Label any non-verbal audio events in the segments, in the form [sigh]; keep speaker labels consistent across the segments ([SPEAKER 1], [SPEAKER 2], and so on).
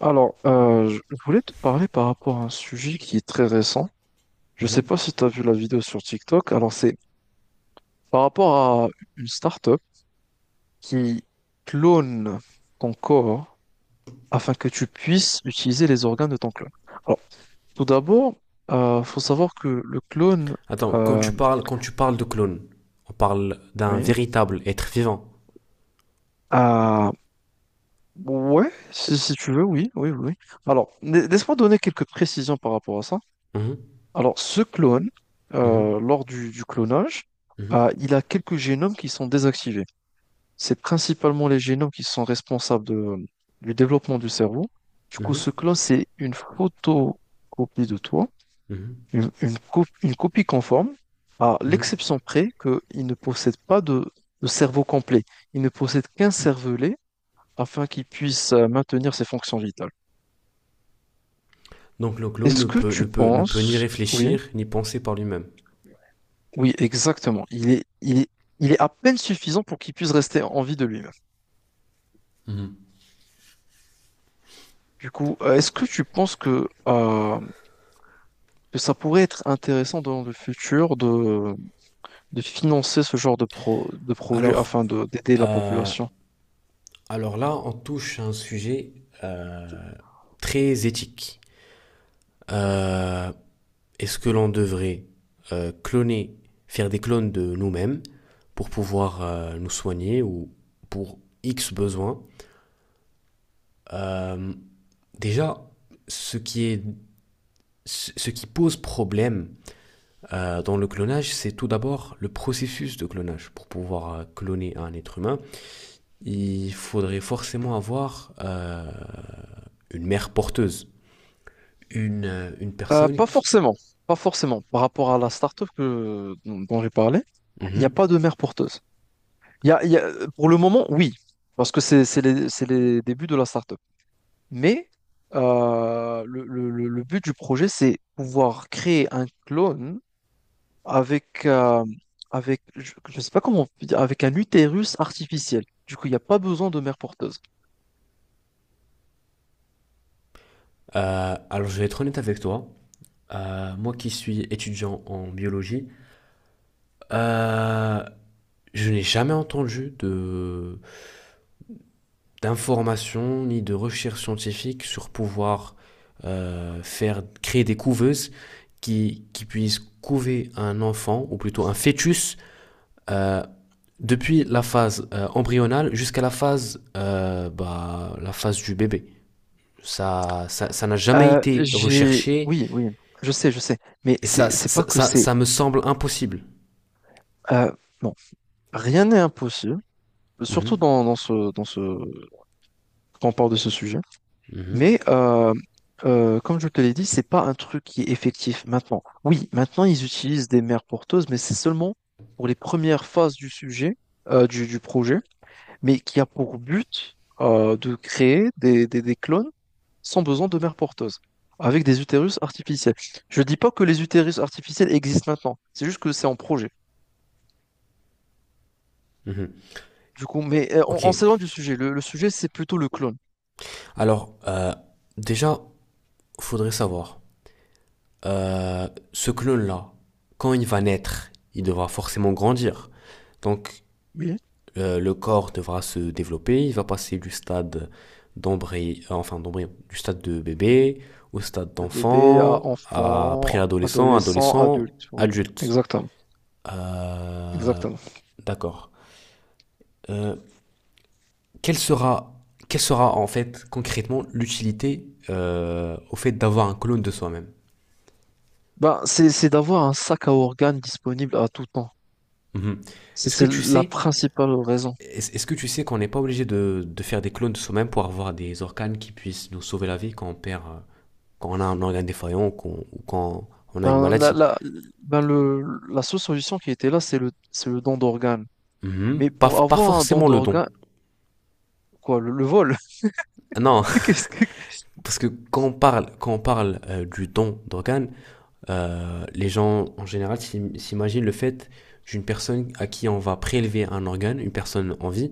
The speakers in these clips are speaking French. [SPEAKER 1] Je voulais te parler par rapport à un sujet qui est très récent. Je ne sais
[SPEAKER 2] Mhm.
[SPEAKER 1] pas si tu as vu la vidéo sur TikTok. Alors, c'est par rapport à une startup qui clone ton corps afin que tu puisses utiliser les organes de ton clone. Alors, tout d'abord, il faut savoir que le clone,
[SPEAKER 2] Attends, quand tu
[SPEAKER 1] euh,
[SPEAKER 2] parles, quand tu parles de clone, on parle d'un
[SPEAKER 1] oui,
[SPEAKER 2] véritable être vivant.
[SPEAKER 1] ah, ouais, si, si tu veux, oui, oui, oui. Alors, laisse-moi donner quelques précisions par rapport à ça.
[SPEAKER 2] Mhm,
[SPEAKER 1] Alors, ce clone,
[SPEAKER 2] mhm,
[SPEAKER 1] lors du clonage,
[SPEAKER 2] mhm,
[SPEAKER 1] il a quelques génomes qui sont désactivés. C'est principalement les génomes qui sont responsables du développement du cerveau. Du coup, ce
[SPEAKER 2] mhm,
[SPEAKER 1] clone, c'est une photocopie de toi,
[SPEAKER 2] mhm,
[SPEAKER 1] une copie conforme, à
[SPEAKER 2] mhm.
[SPEAKER 1] l'exception près qu'il ne possède pas de, de cerveau complet. Il ne possède qu'un cervelet afin qu'il puisse maintenir ses fonctions vitales.
[SPEAKER 2] Donc le clone
[SPEAKER 1] Est-ce
[SPEAKER 2] ne
[SPEAKER 1] que
[SPEAKER 2] peut,
[SPEAKER 1] tu
[SPEAKER 2] ne peut, ne peut ni
[SPEAKER 1] penses, oui,
[SPEAKER 2] réfléchir, ni penser par lui-même.
[SPEAKER 1] oui, exactement. Il est à peine suffisant pour qu'il puisse rester en vie de lui-même.
[SPEAKER 2] Mhm.
[SPEAKER 1] Du coup, est-ce que tu penses que ça pourrait être intéressant dans le futur de financer ce genre de, pro, de projet
[SPEAKER 2] Alors,
[SPEAKER 1] afin de, d'aider la
[SPEAKER 2] euh,
[SPEAKER 1] population?
[SPEAKER 2] alors là, on touche à un sujet euh, très éthique. Euh, est-ce que l'on devrait cloner, faire des clones de nous-mêmes pour pouvoir nous soigner ou pour X besoin. Euh, Déjà, ce qui est, ce qui pose problème dans le clonage, c'est tout d'abord le processus de clonage. Pour pouvoir cloner un être humain, il faudrait forcément avoir une mère porteuse, une personne
[SPEAKER 1] Pas
[SPEAKER 2] qui...
[SPEAKER 1] forcément, pas forcément. Par rapport à la start-up que, dont j'ai parlé, il n'y a
[SPEAKER 2] Mhm.
[SPEAKER 1] pas de mère porteuse. Il y a, pour le moment, oui, parce que c'est les, c'est les débuts de la start-up. Mais le, le but du projet, c'est pouvoir créer un clone avec, avec je ne sais pas comment on peut dire, avec un utérus artificiel. Du coup, il n'y a pas besoin de mère porteuse.
[SPEAKER 2] Alors, je vais être honnête avec toi. Moi qui suis étudiant en biologie, euh, je n'ai jamais entendu de, d'informations ni de recherche scientifique sur pouvoir faire créer des couveuses qui puissent couver un enfant ou plutôt un fœtus euh, depuis la phase embryonale jusqu'à la phase la phase du bébé. Ça n'a jamais été
[SPEAKER 1] J'ai,
[SPEAKER 2] recherché
[SPEAKER 1] oui, oui, je sais, je sais. Mais
[SPEAKER 2] et ça
[SPEAKER 1] c'est pas
[SPEAKER 2] ça,
[SPEAKER 1] que
[SPEAKER 2] ça,
[SPEAKER 1] c'est.
[SPEAKER 2] ça me semble impossible.
[SPEAKER 1] euh, bon, rien n'est impossible. Surtout
[SPEAKER 2] Mhm,
[SPEAKER 1] dans, quand on parle de ce sujet.
[SPEAKER 2] mhm,
[SPEAKER 1] Mais comme je te l'ai dit, c'est pas un truc qui est effectif maintenant. Oui, maintenant ils utilisent des mères porteuses, mais c'est seulement pour les premières phases du sujet, du projet, mais qui a pour but de créer des clones sans besoin de mères porteuses, avec des utérus artificiels. Je dis pas que les utérus artificiels existent maintenant, c'est juste que c'est en projet.
[SPEAKER 2] mhm.
[SPEAKER 1] Du coup, mais
[SPEAKER 2] Ok.
[SPEAKER 1] on s'éloigne du sujet. Le sujet, c'est plutôt le clone.
[SPEAKER 2] Alors euh, déjà faudrait savoir euh, ce clone-là, quand il va naître, il devra forcément grandir. Donc,
[SPEAKER 1] Oui.
[SPEAKER 2] le corps devra se développer, il va passer du stade d'embryon, enfin d'embryon, du stade de bébé au stade
[SPEAKER 1] De bébé à
[SPEAKER 2] d'enfant, à
[SPEAKER 1] enfant,
[SPEAKER 2] préadolescent,
[SPEAKER 1] adolescent,
[SPEAKER 2] adolescent,
[SPEAKER 1] adulte. Oui,
[SPEAKER 2] adulte.
[SPEAKER 1] exactement.
[SPEAKER 2] Euh,
[SPEAKER 1] Exactement.
[SPEAKER 2] d'accord. Euh, quelle sera, quelle sera en fait concrètement l'utilité au fait d'avoir un clone de soi-même?
[SPEAKER 1] Ben, c'est d'avoir un sac à organes disponible à tout temps.
[SPEAKER 2] Mhm.
[SPEAKER 1] C'est
[SPEAKER 2] Est-ce que
[SPEAKER 1] c'est
[SPEAKER 2] tu
[SPEAKER 1] la
[SPEAKER 2] sais
[SPEAKER 1] principale raison.
[SPEAKER 2] est-ce que tu sais qu'on n'est pas obligé de faire des clones de soi-même pour avoir des organes qui puissent nous sauver la vie quand on perd, quand on a un organe défaillant ou, ou quand on a une
[SPEAKER 1] Ben, la,
[SPEAKER 2] maladie?
[SPEAKER 1] la, ben, le, la seule solution qui était là, c'est le don d'organes.
[SPEAKER 2] Mhm.
[SPEAKER 1] Mais pour
[SPEAKER 2] Pas
[SPEAKER 1] avoir un don
[SPEAKER 2] forcément le don.
[SPEAKER 1] d'organe, quoi, le vol?
[SPEAKER 2] Ah non,
[SPEAKER 1] [laughs] Qu'est-ce que...
[SPEAKER 2] [laughs] parce que quand on parle du don d'organes, les gens en général s'imaginent le fait d'une personne à qui on va prélever un organe, une personne en vie,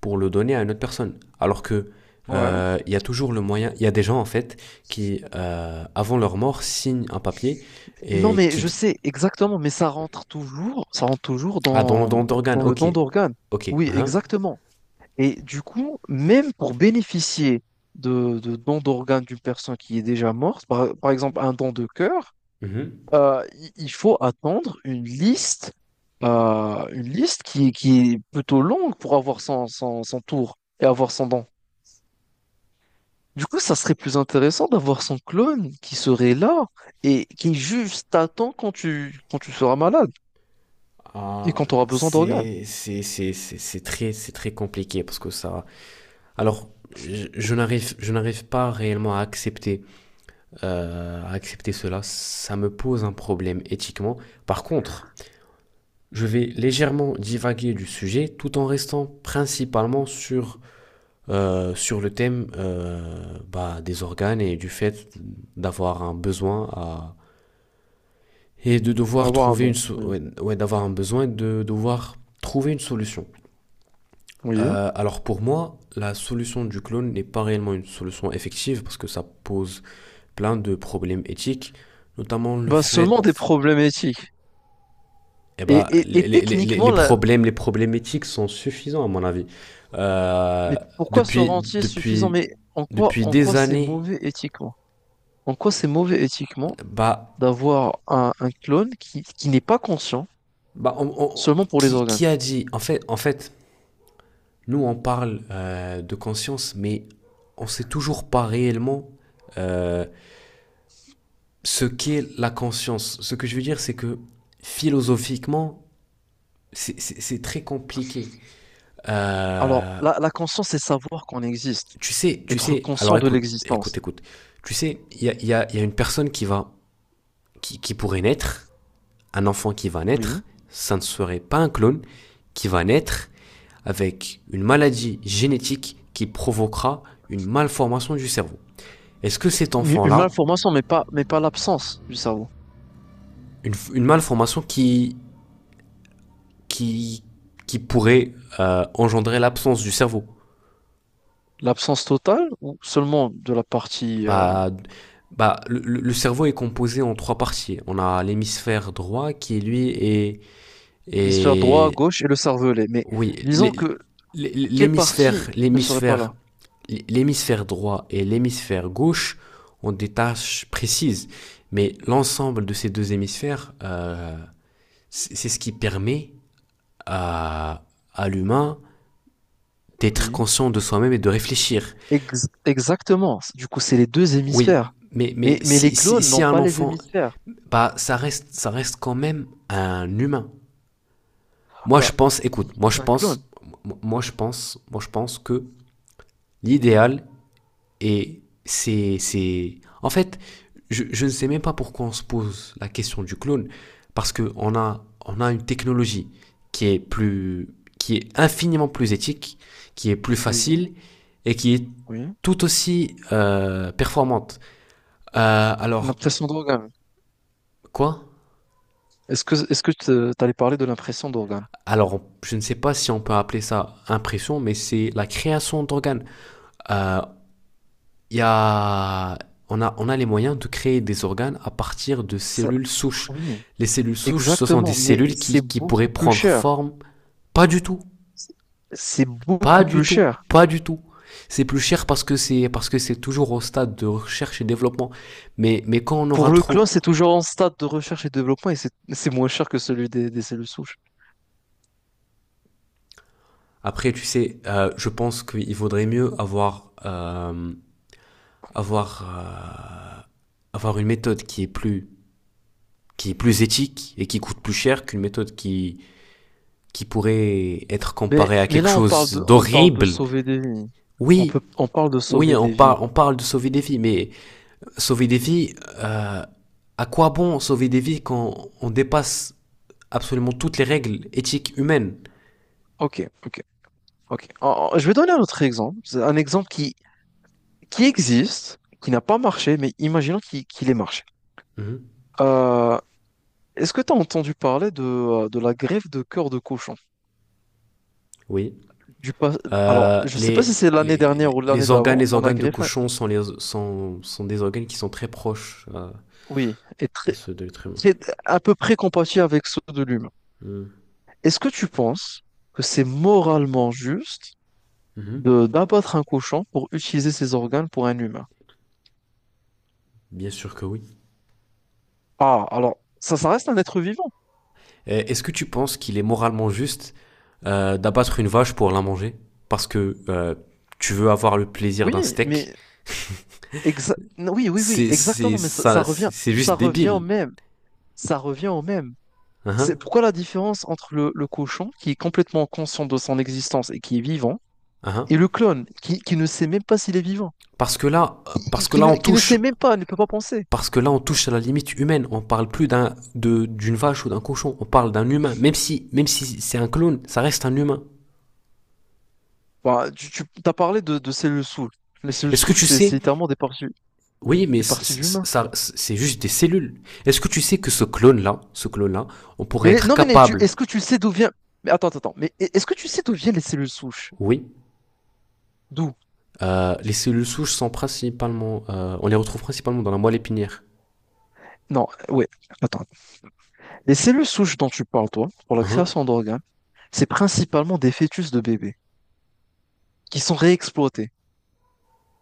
[SPEAKER 2] pour le donner à une autre personne. Alors que
[SPEAKER 1] Ouais.
[SPEAKER 2] il y a toujours le moyen. Il y a des gens en fait qui, avant leur mort, signent un papier
[SPEAKER 1] Non,
[SPEAKER 2] et
[SPEAKER 1] mais
[SPEAKER 2] qui
[SPEAKER 1] je sais exactement, mais ça rentre toujours
[SPEAKER 2] ah dans le
[SPEAKER 1] dans,
[SPEAKER 2] don d'organes.
[SPEAKER 1] dans le
[SPEAKER 2] Ok,
[SPEAKER 1] don d'organes.
[SPEAKER 2] ok.
[SPEAKER 1] Oui,
[SPEAKER 2] Hein,
[SPEAKER 1] exactement. Et du coup, même pour bénéficier de don d'organes d'une personne qui est déjà morte, par, par exemple un don de cœur,
[SPEAKER 2] mhm.
[SPEAKER 1] il faut attendre une liste qui est plutôt longue pour avoir son, son, son tour et avoir son don. Du coup, ça serait plus intéressant d'avoir son clone qui serait là et qui juste t'attend quand tu seras malade et
[SPEAKER 2] Ah,
[SPEAKER 1] quand tu auras besoin d'organes.
[SPEAKER 2] c'est très compliqué parce que ça. Alors je n'arrive pas réellement à accepter cela. Ça me pose un problème éthiquement. Par contre, je vais légèrement divaguer du sujet tout en restant principalement sur, sur le thème des organes et du fait d'avoir un besoin à... et de devoir
[SPEAKER 1] Avoir un
[SPEAKER 2] trouver une
[SPEAKER 1] don, oui.
[SPEAKER 2] ouais, ouais, d'avoir un besoin de devoir trouver une solution.
[SPEAKER 1] Oui.
[SPEAKER 2] Alors pour moi, la solution du clone n'est pas réellement une solution effective parce que ça pose plein de problèmes éthiques, notamment le
[SPEAKER 1] Ben seulement des
[SPEAKER 2] fait
[SPEAKER 1] problèmes éthiques.
[SPEAKER 2] eh
[SPEAKER 1] Et,
[SPEAKER 2] ben,
[SPEAKER 1] et, et
[SPEAKER 2] les, les, les,
[SPEAKER 1] techniquement,
[SPEAKER 2] les
[SPEAKER 1] là,
[SPEAKER 2] problèmes, les problématiques sont suffisants à mon avis. Euh,
[SPEAKER 1] mais pourquoi se
[SPEAKER 2] depuis,
[SPEAKER 1] rentier suffisant?
[SPEAKER 2] depuis,
[SPEAKER 1] Mais
[SPEAKER 2] depuis
[SPEAKER 1] en
[SPEAKER 2] des
[SPEAKER 1] quoi c'est
[SPEAKER 2] années,
[SPEAKER 1] mauvais éthiquement? En quoi c'est mauvais éthiquement
[SPEAKER 2] bah,
[SPEAKER 1] d'avoir un clone qui n'est pas conscient
[SPEAKER 2] bah, on- on-
[SPEAKER 1] seulement pour les
[SPEAKER 2] qui,
[SPEAKER 1] organes?
[SPEAKER 2] qui a dit en fait, nous on parle de conscience, mais on sait toujours pas réellement euh, ce qu'est la conscience. Ce que je veux dire, c'est que philosophiquement, c'est très compliqué.
[SPEAKER 1] Alors,
[SPEAKER 2] Euh,
[SPEAKER 1] la conscience, c'est savoir qu'on existe,
[SPEAKER 2] Tu
[SPEAKER 1] être
[SPEAKER 2] sais,
[SPEAKER 1] conscient
[SPEAKER 2] alors
[SPEAKER 1] de
[SPEAKER 2] écoute, écoute,
[SPEAKER 1] l'existence.
[SPEAKER 2] écoute. Tu sais, il y a, y a une personne qui va, qui pourrait naître, un enfant qui va
[SPEAKER 1] Oui.
[SPEAKER 2] naître, ça ne serait pas un clone, qui va naître avec une maladie génétique qui provoquera une malformation du cerveau. Est-ce que cet
[SPEAKER 1] Une
[SPEAKER 2] enfant-là,
[SPEAKER 1] malformation, mais pas l'absence du cerveau.
[SPEAKER 2] une malformation qui, qui pourrait engendrer l'absence du cerveau.
[SPEAKER 1] L'absence totale ou seulement de la partie
[SPEAKER 2] Bah, le cerveau est composé en trois parties. On a l'hémisphère droit qui, lui, est
[SPEAKER 1] hémisphère droit,
[SPEAKER 2] Et
[SPEAKER 1] gauche et le cervelet. Mais
[SPEAKER 2] oui,
[SPEAKER 1] disons que quelle partie ne serait pas
[SPEAKER 2] l'hémisphère,
[SPEAKER 1] là?
[SPEAKER 2] l'hémisphère droit et l'hémisphère gauche ont des tâches précises, mais l'ensemble de ces deux hémisphères, c'est ce qui permet à, à l'humain d'être
[SPEAKER 1] Oui.
[SPEAKER 2] conscient de soi-même et de réfléchir.
[SPEAKER 1] Exactement. Du coup, c'est les deux
[SPEAKER 2] Oui,
[SPEAKER 1] hémisphères.
[SPEAKER 2] mais, mais
[SPEAKER 1] Mais les
[SPEAKER 2] si, si,
[SPEAKER 1] clones
[SPEAKER 2] si
[SPEAKER 1] n'ont
[SPEAKER 2] un
[SPEAKER 1] pas les
[SPEAKER 2] enfant,
[SPEAKER 1] hémisphères.
[SPEAKER 2] bah, ça reste quand même un humain. Moi, je
[SPEAKER 1] Bah,
[SPEAKER 2] pense, écoute, moi, je
[SPEAKER 1] c'est un
[SPEAKER 2] pense,
[SPEAKER 1] clone.
[SPEAKER 2] moi, je pense, moi, je pense que l'idéal, et c'est... En fait, je ne sais même pas pourquoi on se pose la question du clone, parce qu'on a, on a une technologie qui est, plus, qui est infiniment plus éthique, qui est plus
[SPEAKER 1] Oui,
[SPEAKER 2] facile et qui est
[SPEAKER 1] oui.
[SPEAKER 2] tout aussi performante. Euh, alors,
[SPEAKER 1] L'impression d'organe.
[SPEAKER 2] quoi
[SPEAKER 1] Est-ce que, t'allais parler de l'impression d'organe?
[SPEAKER 2] alors, je ne sais pas si on peut appeler ça impression, mais c'est la création d'organes. Euh, il y a, on a, on a les moyens de créer des organes à partir de
[SPEAKER 1] Ça,
[SPEAKER 2] cellules souches.
[SPEAKER 1] oui,
[SPEAKER 2] Les cellules souches, ce sont des
[SPEAKER 1] exactement. Mais
[SPEAKER 2] cellules
[SPEAKER 1] c'est
[SPEAKER 2] qui pourraient
[SPEAKER 1] beaucoup plus
[SPEAKER 2] prendre
[SPEAKER 1] cher.
[SPEAKER 2] forme. Pas du tout,
[SPEAKER 1] C'est c'est
[SPEAKER 2] pas
[SPEAKER 1] beaucoup
[SPEAKER 2] du
[SPEAKER 1] plus
[SPEAKER 2] tout,
[SPEAKER 1] cher.
[SPEAKER 2] pas du tout. C'est plus cher parce que c'est toujours au stade de recherche et développement. Mais quand on aura
[SPEAKER 1] Pour le clone,
[SPEAKER 2] trop,
[SPEAKER 1] c'est toujours en stade de recherche et développement et c'est moins cher que celui des cellules souches.
[SPEAKER 2] après tu sais, je pense qu'il vaudrait mieux avoir avoir euh, avoir une méthode qui est plus éthique et qui coûte plus cher qu'une méthode qui pourrait être comparé à
[SPEAKER 1] Mais
[SPEAKER 2] quelque
[SPEAKER 1] là,
[SPEAKER 2] chose
[SPEAKER 1] on parle de
[SPEAKER 2] d'horrible.
[SPEAKER 1] sauver des vies. On
[SPEAKER 2] Oui,
[SPEAKER 1] peut, on parle de
[SPEAKER 2] oui,
[SPEAKER 1] sauver
[SPEAKER 2] on
[SPEAKER 1] des vies.
[SPEAKER 2] parle, on parle de sauver des vies, mais sauver des vies, à quoi bon sauver des vies quand on dépasse absolument toutes les règles éthiques humaines.
[SPEAKER 1] Ok, ok, ok. Je vais donner un autre exemple. C'est un exemple qui existe, qui n'a pas marché, mais imaginons qu'il ait marché.
[SPEAKER 2] Mhm,
[SPEAKER 1] Euh, est-ce que tu as entendu parler de la greffe de cœur de cochon?
[SPEAKER 2] oui.
[SPEAKER 1] Du pas... Alors,
[SPEAKER 2] Euh,
[SPEAKER 1] je ne sais pas
[SPEAKER 2] les,
[SPEAKER 1] si c'est
[SPEAKER 2] les,
[SPEAKER 1] l'année dernière
[SPEAKER 2] les-
[SPEAKER 1] ou l'année
[SPEAKER 2] les organes,
[SPEAKER 1] d'avant,
[SPEAKER 2] les
[SPEAKER 1] on a
[SPEAKER 2] organes de
[SPEAKER 1] greffé.
[SPEAKER 2] cochon sont, sont des organes qui sont très proches
[SPEAKER 1] Oui, et
[SPEAKER 2] à
[SPEAKER 1] très,
[SPEAKER 2] ceux de l'être humain.
[SPEAKER 1] c'est à peu près compatible avec ceux de l'humain.
[SPEAKER 2] Mhm,
[SPEAKER 1] Est-ce que tu penses que c'est moralement juste
[SPEAKER 2] mhm.
[SPEAKER 1] de d'abattre un cochon pour utiliser ses organes pour un humain?
[SPEAKER 2] Bien sûr que oui.
[SPEAKER 1] Ah, alors, ça reste un être vivant.
[SPEAKER 2] Est-ce que tu penses qu'il est moralement juste d'abattre une vache pour la manger parce que tu veux avoir le plaisir d'un
[SPEAKER 1] Oui,
[SPEAKER 2] steak.
[SPEAKER 1] mais non, oui, oui, oui,
[SPEAKER 2] C'est c'est
[SPEAKER 1] exactement, mais ça,
[SPEAKER 2] ça, c'est c'est juste
[SPEAKER 1] ça revient au
[SPEAKER 2] débile.
[SPEAKER 1] même, ça revient au même.
[SPEAKER 2] Hein,
[SPEAKER 1] C'est pourquoi la différence entre le cochon, qui est complètement conscient de son existence et qui est vivant,
[SPEAKER 2] hein. Hein.
[SPEAKER 1] et le clone, qui ne sait même pas s'il est vivant,
[SPEAKER 2] Parce que là,
[SPEAKER 1] qui ne sait même pas, ne peut pas penser.
[SPEAKER 2] parce que là on touche à la limite humaine. On parle plus d'un de d'une vache ou d'un cochon. On parle d'un humain. Même si c'est un clone, ça reste un humain.
[SPEAKER 1] Bah, tu t'as parlé de cellules souches. Les cellules
[SPEAKER 2] Est-ce que
[SPEAKER 1] souches,
[SPEAKER 2] tu
[SPEAKER 1] c'est
[SPEAKER 2] sais
[SPEAKER 1] c'est littéralement
[SPEAKER 2] Oui, mais
[SPEAKER 1] des parties d'humains.
[SPEAKER 2] ça c'est juste des cellules. Est-ce que tu sais que ce clone là, on pourrait être
[SPEAKER 1] Non,
[SPEAKER 2] capable,
[SPEAKER 1] est-ce que tu sais d'où vient... Mais attends, attends, attends. Mais est-ce que tu sais d'où viennent les cellules souches?
[SPEAKER 2] oui,
[SPEAKER 1] D'où?
[SPEAKER 2] Les cellules souches sont principalement, on les retrouve principalement dans la moelle épinière.
[SPEAKER 1] Non, ouais, attends. Les cellules souches dont tu parles, toi, pour la
[SPEAKER 2] Hein.
[SPEAKER 1] création d'organes, c'est principalement des fœtus de bébés qui sont réexploités.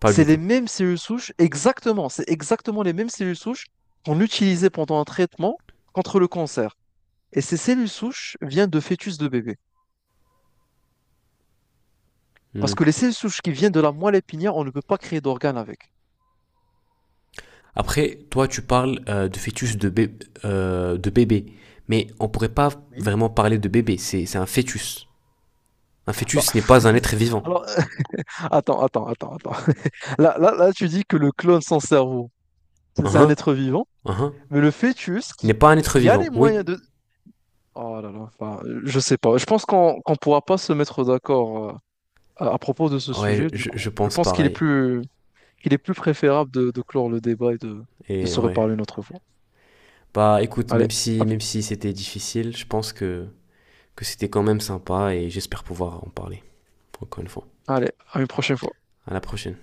[SPEAKER 2] Pas
[SPEAKER 1] C'est
[SPEAKER 2] du
[SPEAKER 1] les
[SPEAKER 2] tout.
[SPEAKER 1] mêmes cellules souches, exactement, c'est exactement les mêmes cellules souches qu'on utilisait pendant un traitement contre le cancer. Et ces cellules souches viennent de fœtus de bébés. Parce
[SPEAKER 2] Hmm.
[SPEAKER 1] que les seules souches qui viennent de la moelle épinière, on ne peut pas créer d'organes avec.
[SPEAKER 2] Après, toi, tu parles de fœtus de, de bébé, mais on pourrait pas
[SPEAKER 1] Oui.
[SPEAKER 2] vraiment parler de bébé. C'est un fœtus. Un
[SPEAKER 1] Bah,
[SPEAKER 2] fœtus n'est pas un être
[SPEAKER 1] [laughs]
[SPEAKER 2] vivant.
[SPEAKER 1] alors, attends, attends, attends, attends. [laughs] Là, là, là, tu dis que le clone sans cerveau, c'est un
[SPEAKER 2] Hein.
[SPEAKER 1] être vivant,
[SPEAKER 2] Hein.
[SPEAKER 1] mais le fœtus
[SPEAKER 2] N'est pas un être
[SPEAKER 1] qui a les
[SPEAKER 2] vivant. Oui.
[SPEAKER 1] moyens de... Oh là là, enfin, je sais pas. Je pense qu'on pourra pas se mettre d'accord à propos de ce sujet,
[SPEAKER 2] Ouais,
[SPEAKER 1] du
[SPEAKER 2] je,
[SPEAKER 1] coup.
[SPEAKER 2] je
[SPEAKER 1] Je
[SPEAKER 2] pense
[SPEAKER 1] pense
[SPEAKER 2] pareil.
[SPEAKER 1] qu'il est plus préférable de clore le débat et de
[SPEAKER 2] Et
[SPEAKER 1] se
[SPEAKER 2] ouais.
[SPEAKER 1] reparler une autre fois.
[SPEAKER 2] Bah, écoute,
[SPEAKER 1] Allez, hop,
[SPEAKER 2] même si c'était difficile, je pense que c'était quand même sympa et j'espère pouvoir en parler. Encore une fois.
[SPEAKER 1] allez, à une prochaine fois.
[SPEAKER 2] À la prochaine.